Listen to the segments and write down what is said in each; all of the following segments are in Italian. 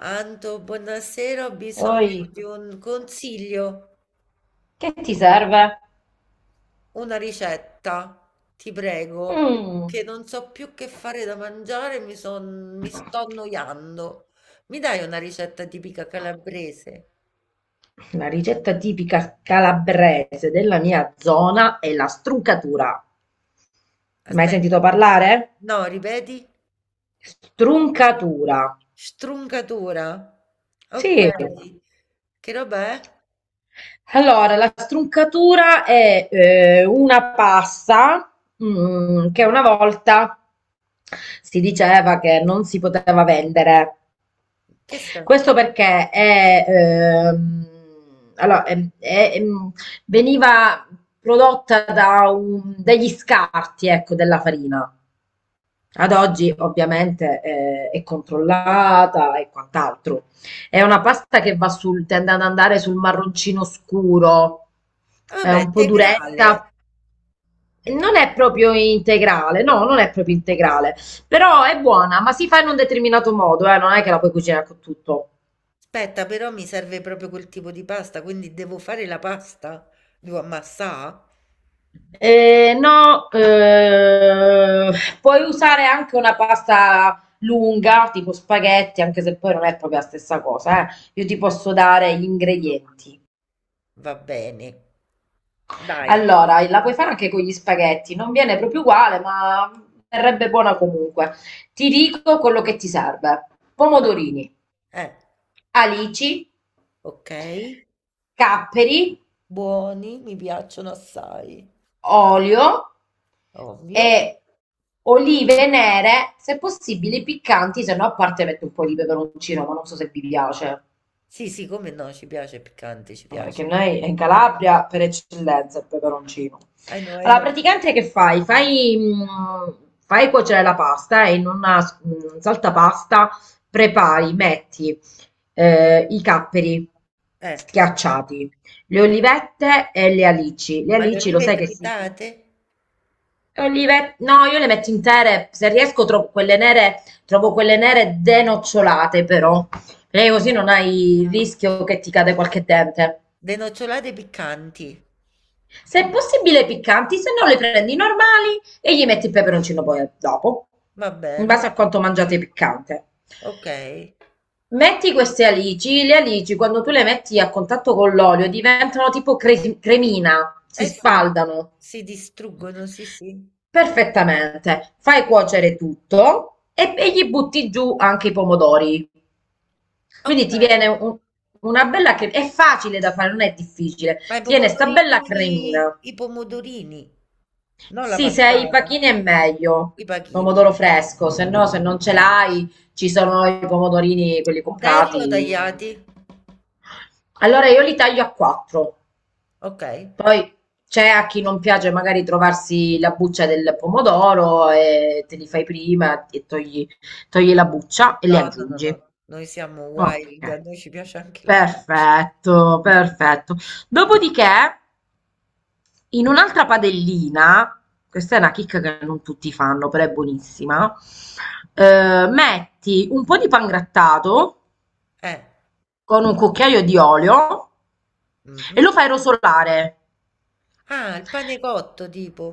Anto, buonasera, ho Oi, bisogno di un consiglio, che ti serve? una ricetta, ti prego, Mm. perché non so più che fare da mangiare, mi sto annoiando. Mi dai una ricetta tipica calabrese? La ricetta tipica calabrese della mia zona è la struncatura. Mai sentito Aspetta, parlare? no, ripeti, Struncatura. struncatura. Ok, Sì. che roba è? Allora, la struncatura è una pasta che una volta si diceva che non si poteva vendere. Che sei? Questo perché è, allora, è- veniva prodotta dagli scarti, ecco, della farina. Ad oggi ovviamente è controllata e quant'altro. È una pasta che tende ad andare sul marroncino scuro, è Vabbè, un po' integrale. duretta, non è proprio integrale, no, non è proprio integrale, però è buona, ma si fa in un determinato modo, non è che la puoi cucinare con tutto. Aspetta, però mi serve proprio quel tipo di pasta, quindi devo fare la pasta? Devo ammassà? No, puoi usare anche una pasta lunga, tipo spaghetti, anche se poi non è proprio la stessa cosa, eh. Io ti Eh. posso dare gli ingredienti. Va bene, dai. Allora, la puoi fare anche con gli spaghetti, non viene proprio uguale, ma verrebbe buona comunque. Ti dico quello che ti serve: Va- pomodorini, eh, alici, ok. capperi, Buoni, mi piacciono assai, olio ovvio. e olive nere, se possibile piccanti, se no a parte metto un po' di peperoncino, ma non so se vi piace. Sì, sì, come no, ci piace piccante, ci piace. Perché noi in Calabria per eccellenza il peperoncino. I know, I Allora, know. praticamente che fai? Fai cuocere la pasta e in una saltapasta prepari, metti i capperi Eh, schiacciati, le olivette e le alici. Le ma le alici lo olive sai che si... tritate, no, io le metto intere, se riesco trovo quelle nere denocciolate però, perché così non hai il rischio che ti cade qualche dente. denocciolate piccanti. Se Mm, è possibile piccanti, se no le prendi normali e gli metti il peperoncino poi dopo, va in bene, base a quanto mangiate piccante. ok. Eh Metti queste alici, le alici quando tu le metti a contatto con l'olio diventano tipo cremina, si sì, spaldano. si distruggono, sì, sì. Perfettamente. Fai cuocere tutto e gli butti giù anche i pomodori. Quindi Ok. ti viene un- una bella cremina. È facile da fare, non è difficile. Ma i Ti viene sta bella pomodorini, cremina. i pomodorini, non la Sì, se hai i passata, pachini è meglio. i pachini. Pomodoro fresco, se no, se non ce l'hai, ci sono i pomodorini, quelli Interi o comprati. tagliati? Allora io li taglio a quattro. Ok. Poi c'è a chi non piace magari trovarsi la buccia del pomodoro e te li fai prima e togli, togli la buccia e No, li no, no, no. aggiungi. Noi siamo wild, a Ok, noi ci piace anche la pizza. perfetto, perfetto. Dopodiché, in un'altra padellina, questa è una chicca che non tutti fanno, però è buonissima, metti un po' di pangrattato Eh. con un cucchiaio di olio e Mhm. lo fai rosolare. Ah, il pane cotto tipo,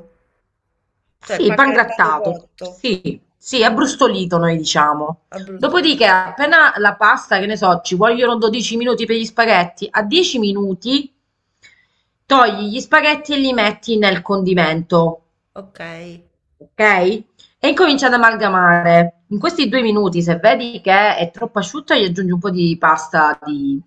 cioè il Sì, pangrattato pangrattato, cotto. sì, sì, Mm, abbrustolito noi diciamo. a brustolino. Dopodiché, appena la pasta, che ne so, ci vogliono 12 minuti per gli spaghetti, a 10 minuti togli gli spaghetti e li metti nel condimento, Ok, ok? E incominci ad amalgamare. In questi due minuti, se vedi che è troppo asciutta, gli aggiungi un po' di pasta, di,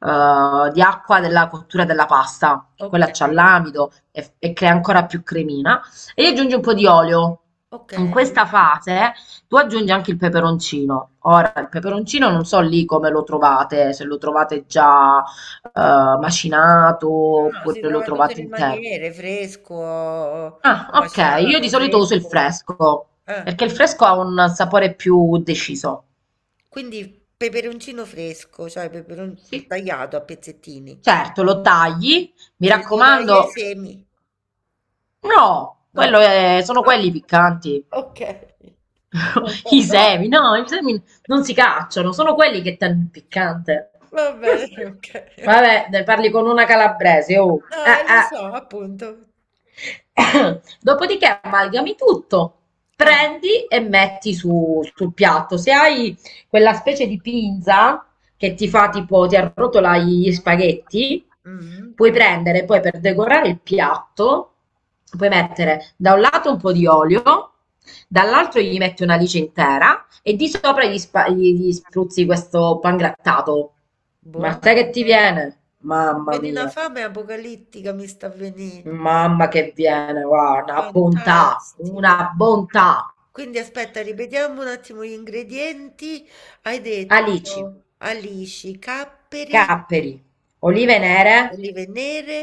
eh, di acqua della cottura della pasta, che ok, quella c'ha l'amido e crea ancora più cremina, e gli mm, aggiungi un po' di olio. ok. In questa fase tu aggiungi anche il peperoncino. Ora, il peperoncino non so lì come lo trovate, se lo trovate già macinato No, oppure si lo trova in tutte trovate le intero. maniere, fresco, Ah, o ok. Io di macinato, solito uso il secco. fresco, Eh. perché il fresco ha un sapore più deciso. Quindi peperoncino fresco, cioè peperon Sì. tagliato a pezzettini. Certo, lo tagli, mi Ce li devo togliere i raccomando. semi? No, No. Sono Ah, quelli piccanti. ok. I Vabbè, no. semi, no, i semi non si cacciano, sono quelli che danno il piccante. Va bene, ok. Ok. Vabbè, ne parli con una calabrese, oh. No, lo Eh. so, appunto. Dopodiché amalgami tutto, Eh. prendi e sul piatto. Se hai quella specie di pinza che ti fa tipo, ti arrotola gli spaghetti, Mhm, puoi prendere poi per decorare il piatto, puoi mettere da un lato un po' di olio, dall'altro gli metti una lice intera e di sopra gli spruzzi questo pangrattato. Ma sai buono. che ti viene? Sta Mamma venendo una mia! fame apocalittica, mi sta venendo. Mamma che viene, guarda, una bontà, Fantastico. una bontà. Quindi aspetta, ripetiamo un attimo gli ingredienti. Hai Alici, detto alici, capperi, capperi, olive po- nere olive nere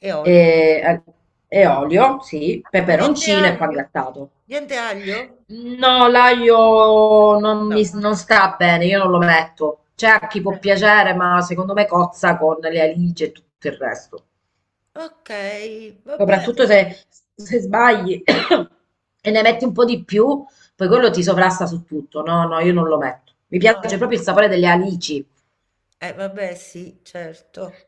e olio. e, e olio, sì, Ma niente peperoncino e aglio? pangrattato. Niente aglio? No, l'aglio non No. mi non sta bene, io non lo metto. C'è a chi può piacere, ma secondo me cozza con le alici e tutto il resto. Ok, va Soprattutto bene. Se sbagli e ne metti un po' di più, poi quello ti sovrasta su tutto. No, no, io non lo metto. Mi Ah, piace proprio il sapore delle alici. eh, vabbè, sì, certo.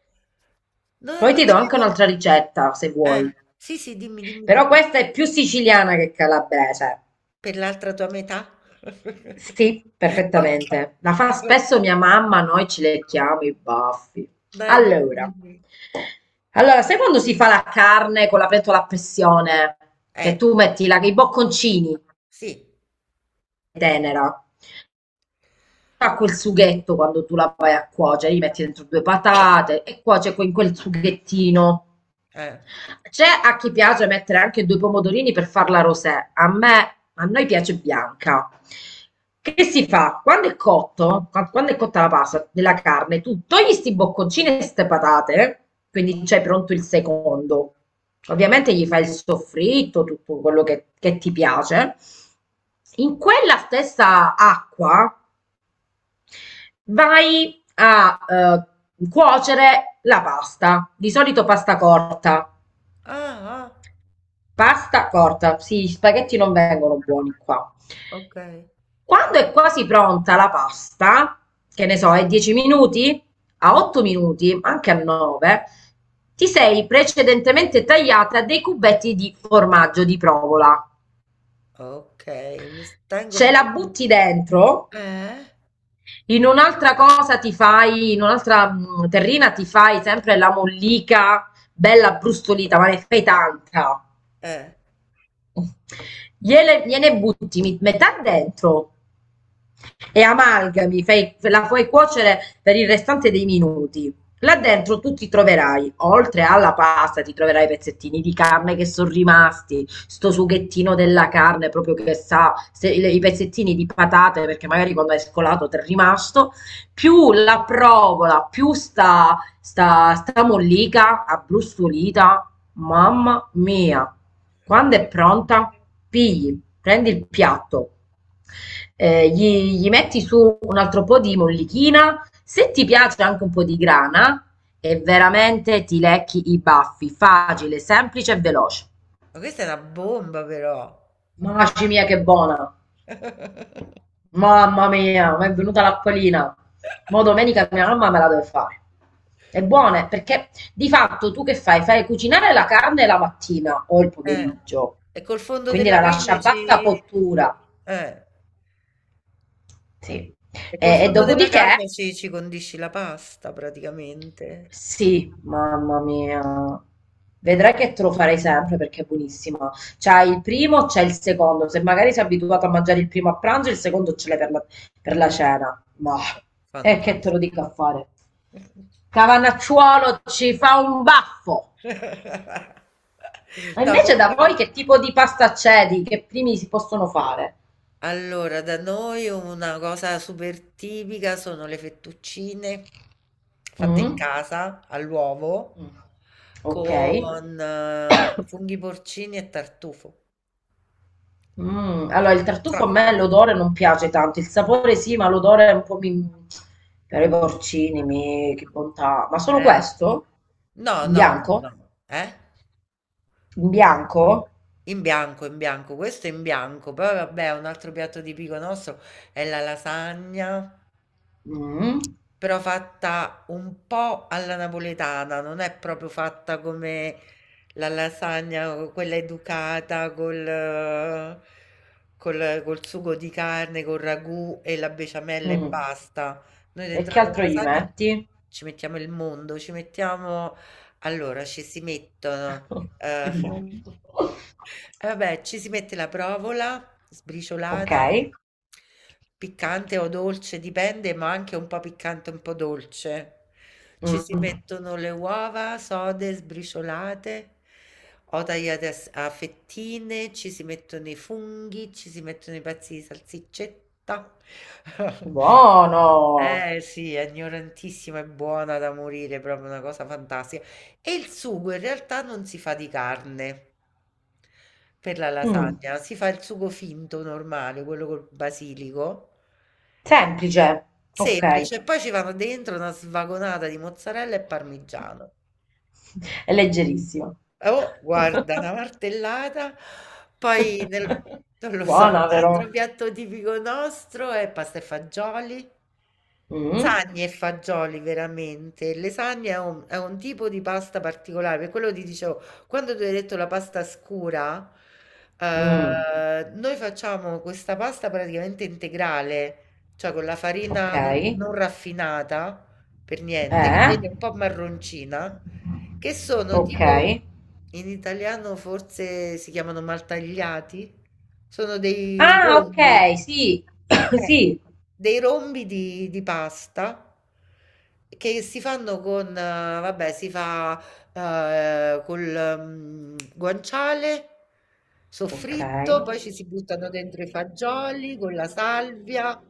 No, Poi non ti do anche avevo... un'altra ricetta, se vuoi. sì, sì, dimmi, dimmi, Però dimmi. questa è più siciliana che calabrese. Per l'altra tua metà? Sì, Ok. perfettamente. La fa spesso mia mamma, noi ci lecchiamo i baffi. Dai, dimmi, Allora, dimmi. allora, sai quando si fa la carne con la pentola a pressione? Che Eh, tu metti la- i bocconcini sì, tenera. Fa quel sughetto quando tu la vai a cuocere, cioè gli metti dentro due patate e cuoce in quel sughettino. eh. C'è a chi piace mettere anche due pomodorini per farla rosé. A me, a noi piace bianca. Che si fa? Quando è quando è cotta la pasta della carne, tu togli sti bocconcini e ste patate, quindi c'è pronto il secondo. Ovviamente gli fai il soffritto, tutto quello che ti piace. In quella stessa acqua vai a cuocere la pasta, di solito pasta corta. Ah, Pasta corta, sì, gli spaghetti non vengono buoni qua. ah, okay. Quando è quasi pronta la pasta, che ne so, è 10 minuti, a Mh, 8 minuti, anche a 9, ti sei precedentemente tagliata dei cubetti di formaggio di provola. okay, Ce la butti dentro. eh? In un'altra cosa ti fai, in un'altra terrina ti fai sempre la mollica bella brustolita, ma ne fai tanta. Eh, Gliene butti metà dentro e amalgami, la fai cuocere per il restante dei minuti. Là dentro tu ti troverai, oltre alla pasta, ti troverai i pezzettini di carne che sono rimasti, sto sughettino della carne proprio che sa, i pezzettini di patate, perché magari quando hai scolato ti è rimasto, più la provola, più sta mollica, abbrustolita, mamma mia. Quando è pronta, prendi il piatto, gli metti su un altro po' di mollichina, se ti piace anche un po' di grana e veramente ti lecchi i baffi, facile, semplice e veloce. ma questa è una bomba però. Mamma mia che buona, mamma mia, mi è venuta l'acquolina, ma domenica mia mamma me la deve fare. È buona perché di fatto tu che fai? Fai cucinare la carne la mattina o il Eh, pomeriggio, e col fondo quindi della la lascia carne a bassa ci cottura, eh, sì. e col E, e fondo della dopodiché carne ci condisci la pasta praticamente. sì, mamma mia. Vedrai che te lo farei sempre perché è buonissima. C'hai il primo, c'è il secondo. Se magari sei abituato a mangiare il primo a pranzo, il secondo ce l'hai per per la cena. E che te lo Fantastico. dico a fare? Cavanacciuolo ci fa un baffo. Ma No, invece da comunque voi che tipo di pasta c'è? Di che primi si possono fare? allora, da noi una cosa super tipica sono le fettuccine fatte in Mm? casa all'uovo. Mm. Mhm, Ok. con funghi porcini e tartufo. Mm, allora, il tartufo a me Truffoli. l'odore non piace tanto, il sapore sì, ma l'odore è un po' mi... per i porcini, mi... che bontà. Ma solo Eh, questo? no, In no, bianco? no, eh? In bianco? In bianco, questo è in bianco, poi vabbè, un altro piatto tipico nostro è la lasagna. Mm, Però fatta un po' alla napoletana, non è proprio fatta come la lasagna, o quella educata col sugo di carne, col ragù e la besciamella e mm. basta. Noi E dentro che la altro gli lasagna metti? ci mettiamo il mondo, ci mettiamo allora ci si mettono, Il Mh, mondo. e vabbè, ci si mette la provola Ok. sbriciolata, piccante o dolce, dipende, ma anche un po' piccante, un po' dolce. Ci si Mm. mettono le uova sode, sbriciolate o tagliate a fettine, ci si mettono i funghi, ci si mettono i pezzi di salsiccetta. Buono. Eh sì, è ignorantissima e buona da morire, proprio una cosa fantastica. E il sugo in realtà non si fa di carne per la Mm. lasagna, si fa il sugo finto normale, quello col basilico, Semplice. Ok. semplice, e poi ci vanno dentro una svagonata di mozzarella e parmigiano. È leggerissimo. Oh, guarda, una martellata, poi nel non lo so, un Buona, altro vero? piatto tipico nostro è pasta e fagioli. Mm, Lasagne e fagioli veramente. Le lasagne è è un tipo di pasta particolare, per quello ti dicevo, quando tu hai detto la pasta scura, mm, noi facciamo questa pasta praticamente integrale, cioè con la ok. farina non raffinata per niente, che Eh? viene un po' marroncina, che sono Ok. tipo, in italiano forse si chiamano maltagliati, sono Ah, ok, sì. eh, Sì. dei rombi di pasta che si fanno con, vabbè, eh, col guanciale, Ok. soffritto, poi ci si buttano dentro i fagioli con la salvia,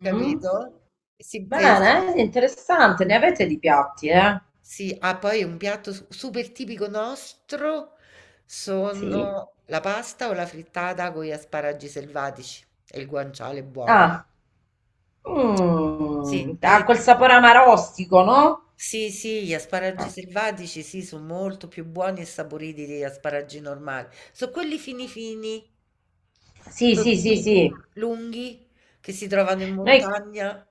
Mm. capito? E si- e si- Bene, interessante. Ne avete di piatti, eh? sì, ah poi un piatto s super tipico nostro Sì. sono la pasta o la frittata con gli asparagi selvatici e il guanciale buono. Ah. Sì, Mm, ha noi quel sapore amarostico, no? sì, sì, gli asparagi selvatici sì, sono molto più buoni e saporiti degli asparagi normali. Sono quelli fini fini, Sì, sì, sì, sottili, sì. lunghi, che si trovano in Noi, montagna,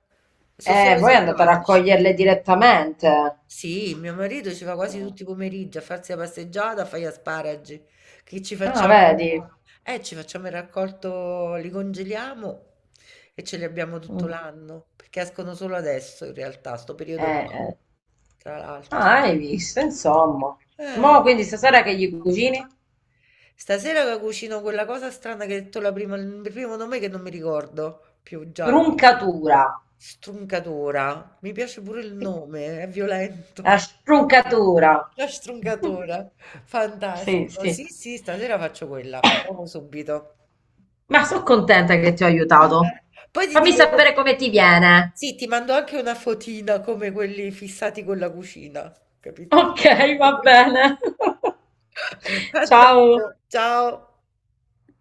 sono solo voi andate a selvatici. raccoglierle direttamente. Sì, mio marito ci va quasi tutti i pomeriggi a farsi la passeggiata, a fare gli asparagi, che Ah, vedi. Ci facciamo il raccolto, li congeliamo e ce li abbiamo tutto Mm. l'anno, perché escono solo adesso in realtà, sto periodo qua, Eh. tra l'altro. Ah, hai visto, insomma. Eh, Mo' quindi stasera che gli cucini? stasera che cucino quella cosa strana che hai detto la prima, il primo nome che non mi ricordo più già, Truncatura. struncatura, mi piace pure il nome, è La violento. struncatura. La struncatura, Sì, fantastico. Sì, sì. sì, stasera faccio quella, provo subito. Ma sono contenta che ti ho aiutato. Eh, Poi ti Fammi dico, sapere co- come ti viene. sì, ti mando anche una fotina come quelli fissati con la cucina, capito? Ok, va bene. Andiamo, Ciao. ciao.